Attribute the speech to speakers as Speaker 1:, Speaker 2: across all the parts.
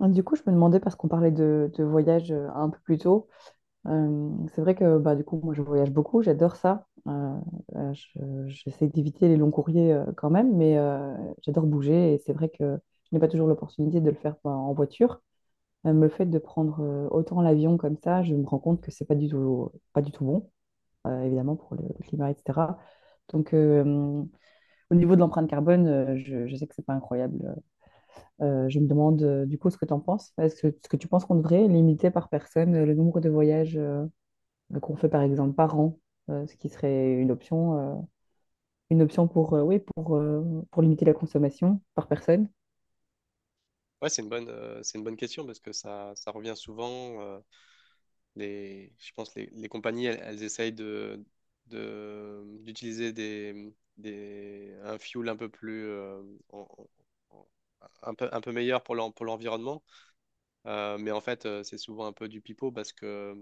Speaker 1: Ah, du coup, je me demandais, parce qu'on parlait de voyage un peu plus tôt, c'est vrai que du coup, moi, je voyage beaucoup, j'adore ça. J'essaie d'éviter les longs courriers quand même, mais j'adore bouger, et c'est vrai que je n'ai pas toujours l'opportunité de le faire en voiture. Même le fait de prendre autant l'avion comme ça, je me rends compte que c'est pas du tout, pas du tout bon, évidemment, pour le climat, etc. Donc, au niveau de l'empreinte carbone, je sais que c'est pas incroyable. Je me demande du coup ce que tu en penses. Est-ce que tu penses qu'on devrait limiter par personne le nombre de voyages qu'on fait par exemple par an, ce qui serait une option pour, oui, pour limiter la consommation par personne?
Speaker 2: Ouais, c'est une bonne question parce que ça revient souvent. Je pense les compagnies, elles essayent d'utiliser un fuel un peu plus, en- en- un peu meilleur pour pour l'environnement. Mais en fait, c'est souvent un peu du pipeau parce que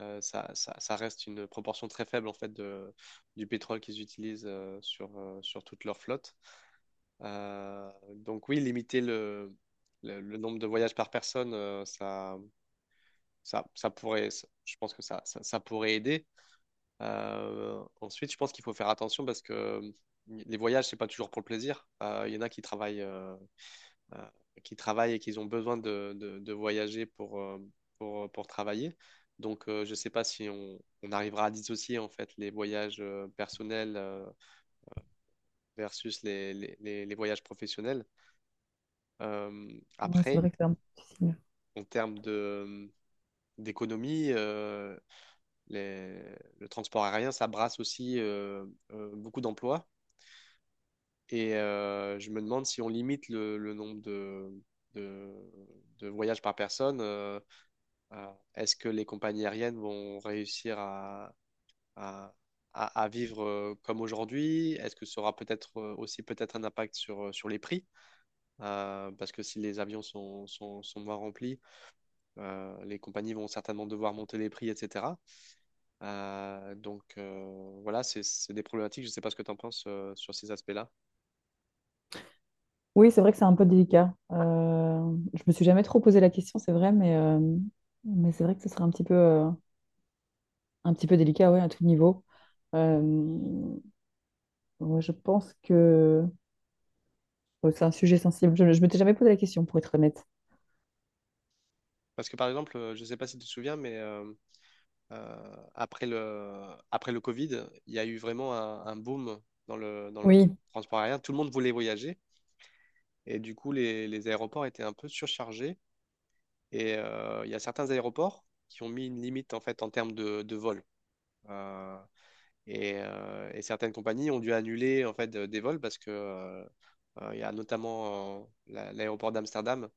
Speaker 2: euh, ça, ça, ça reste une proportion très faible en fait du pétrole qu'ils utilisent sur toute leur flotte. Donc oui, limiter le nombre de voyages par personne, je pense que ça pourrait aider. Ensuite, je pense qu'il faut faire attention parce que mm, les voyages, c'est pas toujours pour le plaisir. Il y en a qui euh, qui travaillent et qui ont besoin de voyager pour travailler. Donc, je sais pas si on arrivera à dissocier en fait les voyages personnels versus les voyages professionnels. Euh,
Speaker 1: Ouais, c'est
Speaker 2: après,
Speaker 1: vrai que c'est un peu difficile.
Speaker 2: en termes d'économie, les- le transport aérien, ça brasse aussi beaucoup d'emplois. Et je me demande si on limite le nombre de, de voyages par personne, est-ce que les compagnies aériennes vont réussir à, à vivre comme aujourd'hui? Est-ce que ça aura peut-être aussi peut-être un impact sur les prix? Parce que si les avions sont moins remplis, les compagnies vont certainement devoir monter les prix, etc. Voilà, c'est des problématiques. Je ne sais pas ce que tu en penses sur ces aspects-là.
Speaker 1: Oui, c'est vrai que c'est un peu délicat. Je me suis jamais trop posé la question, c'est vrai, mais mais c'est vrai que ce serait un petit peu délicat, ouais, à tout niveau. Euh, ouais, je pense que bon, c'est un sujet sensible. Je ne m'étais jamais posé la question, pour être honnête.
Speaker 2: Parce que par exemple, je ne sais pas si tu te souviens, mais euh, après le, après le Covid, il y a eu vraiment un boom dans le
Speaker 1: Oui.
Speaker 2: transport aérien. Tout le monde voulait voyager et du coup, les aéroports étaient un peu surchargés. Et il y a certains aéroports qui ont mis une limite en fait en termes de vol. Euh, et certaines compagnies ont dû annuler en fait des vols parce que il y a notamment l'aéroport d'Amsterdam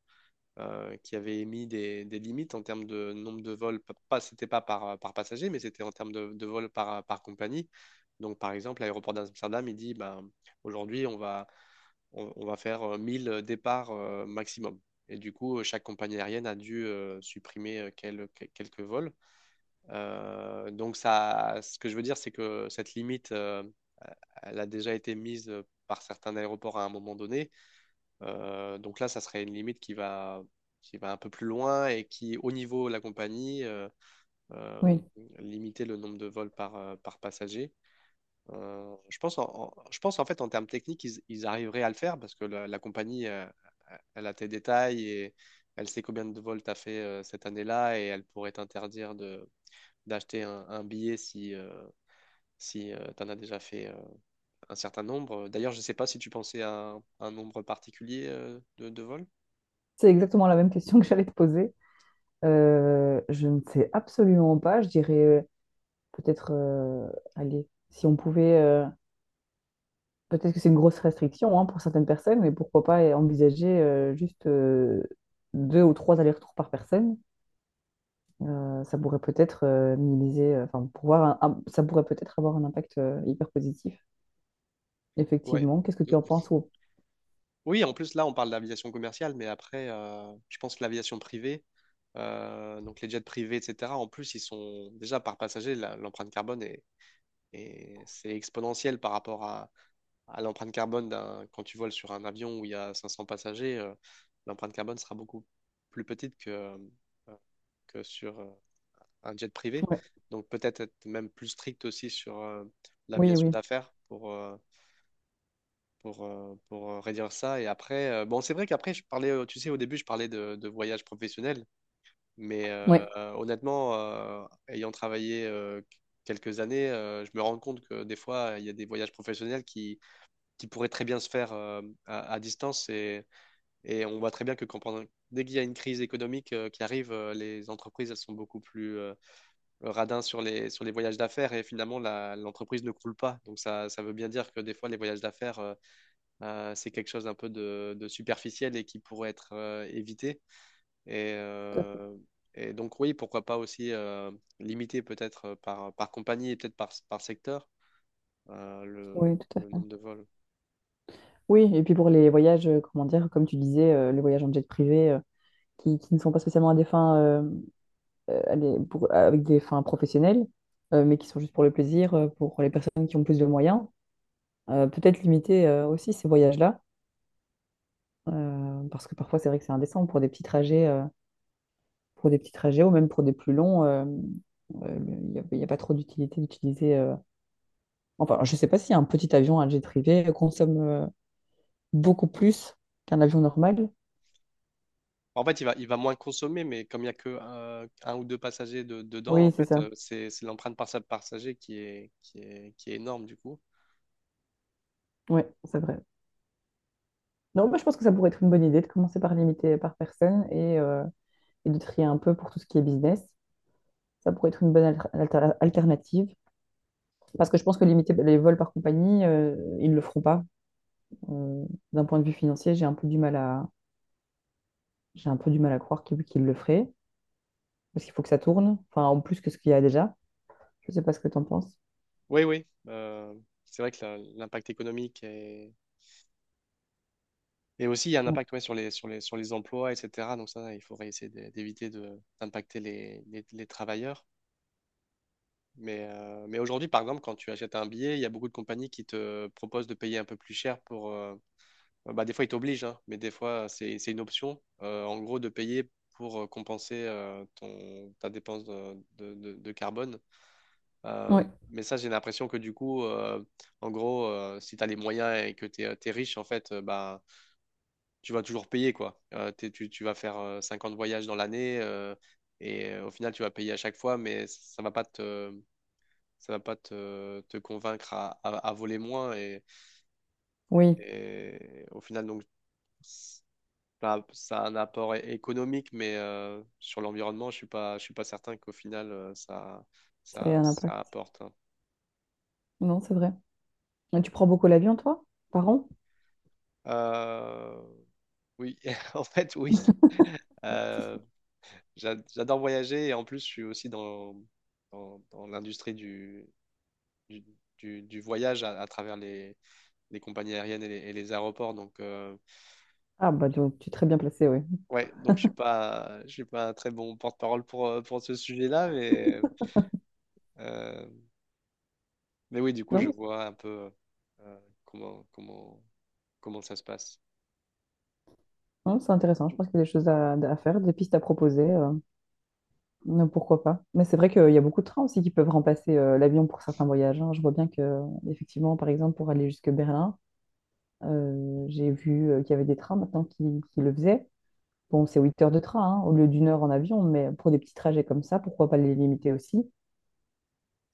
Speaker 2: qui avait émis des limites en termes de nombre de vols. P- Pas, c'était pas par, par passager, mais c'était en termes de vols par compagnie. Donc par exemple, l'aéroport d'Amsterdam, il dit ben, aujourd'hui on va faire 1000 départs maximum. Et du coup, chaque compagnie aérienne a dû supprimer quelques vols. Donc, ce que je veux dire, c'est que cette limite, elle a déjà été mise par certains aéroports à un moment donné. Donc là, ça serait une limite qui qui va un peu plus loin et qui, au niveau de la compagnie,
Speaker 1: Oui,
Speaker 2: euh, limitait le nombre de vols par passager. Je pense en fait en termes techniques, ils arriveraient à le faire parce que la compagnie, elle a tes détails et elle sait combien de vols t'as fait cette année-là et elle pourrait t'interdire de d'acheter un billet si tu en as déjà fait un certain nombre. D'ailleurs, je ne sais pas si tu pensais à un nombre particulier de vols.
Speaker 1: c'est exactement la même question que j'allais te poser. Je ne sais absolument pas. Je dirais, peut-être, allez, si on pouvait, peut-être que c'est une grosse restriction, hein, pour certaines personnes, mais pourquoi pas envisager juste deux ou trois allers-retours par personne. Ça pourrait peut-être minimiser, enfin, pouvoir, ça pourrait peut-être avoir un impact hyper positif.
Speaker 2: Ouais.
Speaker 1: Effectivement. Qu'est-ce que
Speaker 2: Euh,
Speaker 1: tu en penses? Ou-
Speaker 2: Oui, en plus, là, on parle d'aviation commerciale, mais après, je pense que l'aviation privée, donc les jets privés, etc., en plus, ils sont déjà par passager, l'empreinte carbone c'est exponentiel par rapport à l'empreinte carbone d'un, quand tu voles sur un avion où il y a 500 passagers, l'empreinte carbone sera beaucoup plus petite euh, que sur un jet privé.
Speaker 1: Ouais.
Speaker 2: Donc peut-être être même plus strict aussi sur
Speaker 1: Oui,
Speaker 2: l'aviation
Speaker 1: oui.
Speaker 2: d'affaires pour réduire ça. Et après, bon, c'est vrai qu'après, tu sais, au début, je parlais de voyage professionnel, mais euh,
Speaker 1: Ouais.
Speaker 2: euh, honnêtement, ayant travaillé quelques années, je me rends compte que des fois, il y a des voyages professionnels qui pourraient très bien se faire à distance. Et on voit très bien que dès qu'il y a une crise économique qui arrive, les entreprises, elles sont beaucoup plus le radin sur les voyages d'affaires et finalement l'entreprise ne coule pas. Donc ça veut bien dire que des fois les voyages d'affaires, c'est quelque chose un peu de superficiel et qui pourrait être évité. Et,
Speaker 1: Tout à fait.
Speaker 2: euh, et donc oui, pourquoi pas aussi limiter peut-être par compagnie et peut-être par secteur
Speaker 1: Oui, tout à
Speaker 2: le
Speaker 1: fait.
Speaker 2: nombre de vols.
Speaker 1: Oui, et puis pour les voyages, comment dire, comme tu disais, les voyages en jet privé, qui ne sont pas spécialement à des fins, à avec des fins professionnelles, mais qui sont juste pour le plaisir, pour les personnes qui ont plus de moyens, peut-être limiter aussi ces voyages-là, parce que parfois c'est vrai que c'est indécent pour des petits trajets, pour des petits trajets ou même pour des plus longs, il y a pas trop d'utilité d'utiliser. Enfin, je ne sais pas si un petit avion, un jet privé, consomme beaucoup plus qu'un avion normal.
Speaker 2: En fait, il va moins consommer, mais comme il n'y a que un, ou deux passagers dedans, en
Speaker 1: Oui, c'est
Speaker 2: fait,
Speaker 1: ça.
Speaker 2: c'est l'empreinte par par passager qui est énorme du coup.
Speaker 1: Oui, c'est vrai. Non, moi je pense que ça pourrait être une bonne idée de commencer par limiter par personne, et et de trier un peu pour tout ce qui est business. Ça pourrait être une bonne alternative. Parce que je pense que limiter les vols par compagnie, ils ne le feront pas. Euh, D'un point de vue financier, j'ai un peu du mal à croire qu'ils le feraient. Parce qu'il faut que ça tourne, enfin en plus que ce qu'il y a déjà. Je ne sais pas ce que tu en penses.
Speaker 2: Oui, oui. C'est vrai que l'impact économique est... et aussi il y a un
Speaker 1: Non.
Speaker 2: impact ouais, sur les, sur les, sur les emplois, etc. Donc ça, il faudrait essayer d'éviter d'impacter les travailleurs. Mais aujourd'hui, par exemple, quand tu achètes un billet, il y a beaucoup de compagnies qui te proposent de payer un peu plus cher pour... Bah, des fois, ils t'obligent, hein, mais des fois, c'est une option, en gros, de payer pour compenser ta dépense de carbone. Euh,
Speaker 1: Oui,
Speaker 2: mais ça, j'ai l'impression que du coup, en gros, si tu as les moyens et que tu es, riche, en fait, bah, tu vas toujours payer, quoi. Tu vas faire 50 voyages dans l'année et au final, tu vas payer à chaque fois, mais ça va pas te convaincre à voler moins. Et,
Speaker 1: oui,
Speaker 2: et au final, ça, ça a un apport économique, mais sur l'environnement, je suis pas certain qu'au final, euh, ça,
Speaker 1: ça a
Speaker 2: ça,
Speaker 1: un impact.
Speaker 2: ça apporte. Hein.
Speaker 1: Non, c'est vrai. Et tu prends beaucoup l'avion, toi, par an?
Speaker 2: Euh, Oui, en fait, oui. Euh,
Speaker 1: Si.
Speaker 2: J'adore voyager et en plus, je suis aussi dans l'industrie du, du voyage à travers les compagnies aériennes et et les aéroports. Donc, euh,
Speaker 1: Ah bah donc tu es très bien placé, oui.
Speaker 2: ouais, donc je suis pas, je suis pas très bon porte-parole pour ce sujet-là, euh, mais oui, du coup,
Speaker 1: Non,
Speaker 2: je vois un peu euh, comment, comment, comment ça se passe.
Speaker 1: non, c'est intéressant, je pense qu'il y a des choses à faire, des pistes à proposer, mais pourquoi pas. Mais c'est vrai qu'il y a beaucoup de trains aussi qui peuvent remplacer l'avion pour certains voyages, hein. Je vois bien que, effectivement, par exemple, pour aller jusque Berlin, j'ai vu qu'il y avait des trains maintenant qui le faisaient. Bon, c'est 8 heures de train, hein, au lieu d'une heure en avion, mais pour des petits trajets comme ça, pourquoi pas les limiter aussi?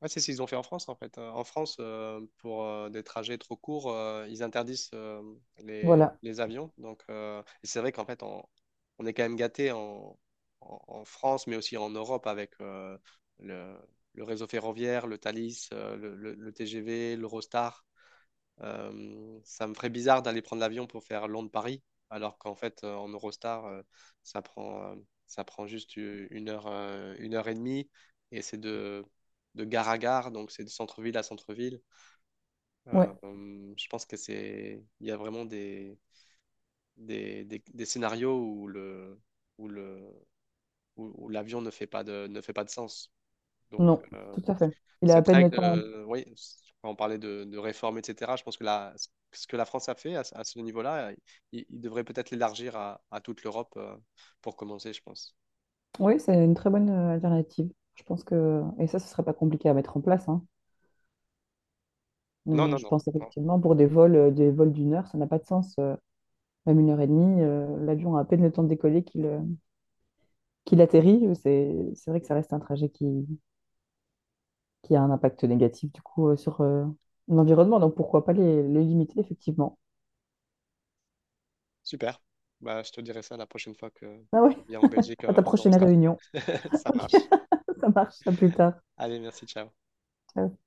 Speaker 2: Ouais, c'est ce qu'ils ont fait en France, en fait. En France, pour des trajets trop courts, ils interdisent
Speaker 1: Voilà,
Speaker 2: les avions. Donc, et c'est vrai qu'en fait, on est quand même gâté en France, mais aussi en Europe avec le, le réseau ferroviaire, le Thalys, le TGV, l'Eurostar. Ça me ferait bizarre d'aller prendre l'avion pour faire Londres-Paris, alors qu'en fait, en Eurostar, ça prend, euh, ça prend juste une heure et demie, et c'est de gare à gare, donc c'est de centre-ville à centre-ville.
Speaker 1: ouais,
Speaker 2: Je pense que c'est, il y a vraiment des scénarios où le, où, où l'avion ne fait pas ne fait pas de sens. Donc
Speaker 1: non, tout à fait. Il a à
Speaker 2: cette
Speaker 1: peine le
Speaker 2: règle,
Speaker 1: temps.
Speaker 2: oui, quand on parlait de réforme, etc., je pense que ce que la France a fait ce à ce niveau-là, il devrait peut-être l'élargir à toute l'Europe pour commencer, je pense.
Speaker 1: Oui, c'est une très bonne alternative. Je pense que, et ça, ce serait pas compliqué à mettre en place, hein.
Speaker 2: Non, non,
Speaker 1: Je
Speaker 2: non,
Speaker 1: pense
Speaker 2: non.
Speaker 1: effectivement pour des vols d'une heure, ça n'a pas de sens. Même une heure et demie, l'avion a à peine le temps de décoller qu'il qu'il atterrit. C'est vrai que ça reste un trajet qui a un impact négatif du coup sur l'environnement. Donc pourquoi pas les limiter effectivement.
Speaker 2: Super. Bah, je te dirai ça la prochaine fois que
Speaker 1: Ah ouais,
Speaker 2: je viens en Belgique
Speaker 1: à ta
Speaker 2: en
Speaker 1: prochaine
Speaker 2: Eurostar.
Speaker 1: réunion.
Speaker 2: Ça
Speaker 1: Ok,
Speaker 2: marche.
Speaker 1: ça marche. À plus tard.
Speaker 2: Allez, merci, ciao.
Speaker 1: Ciao.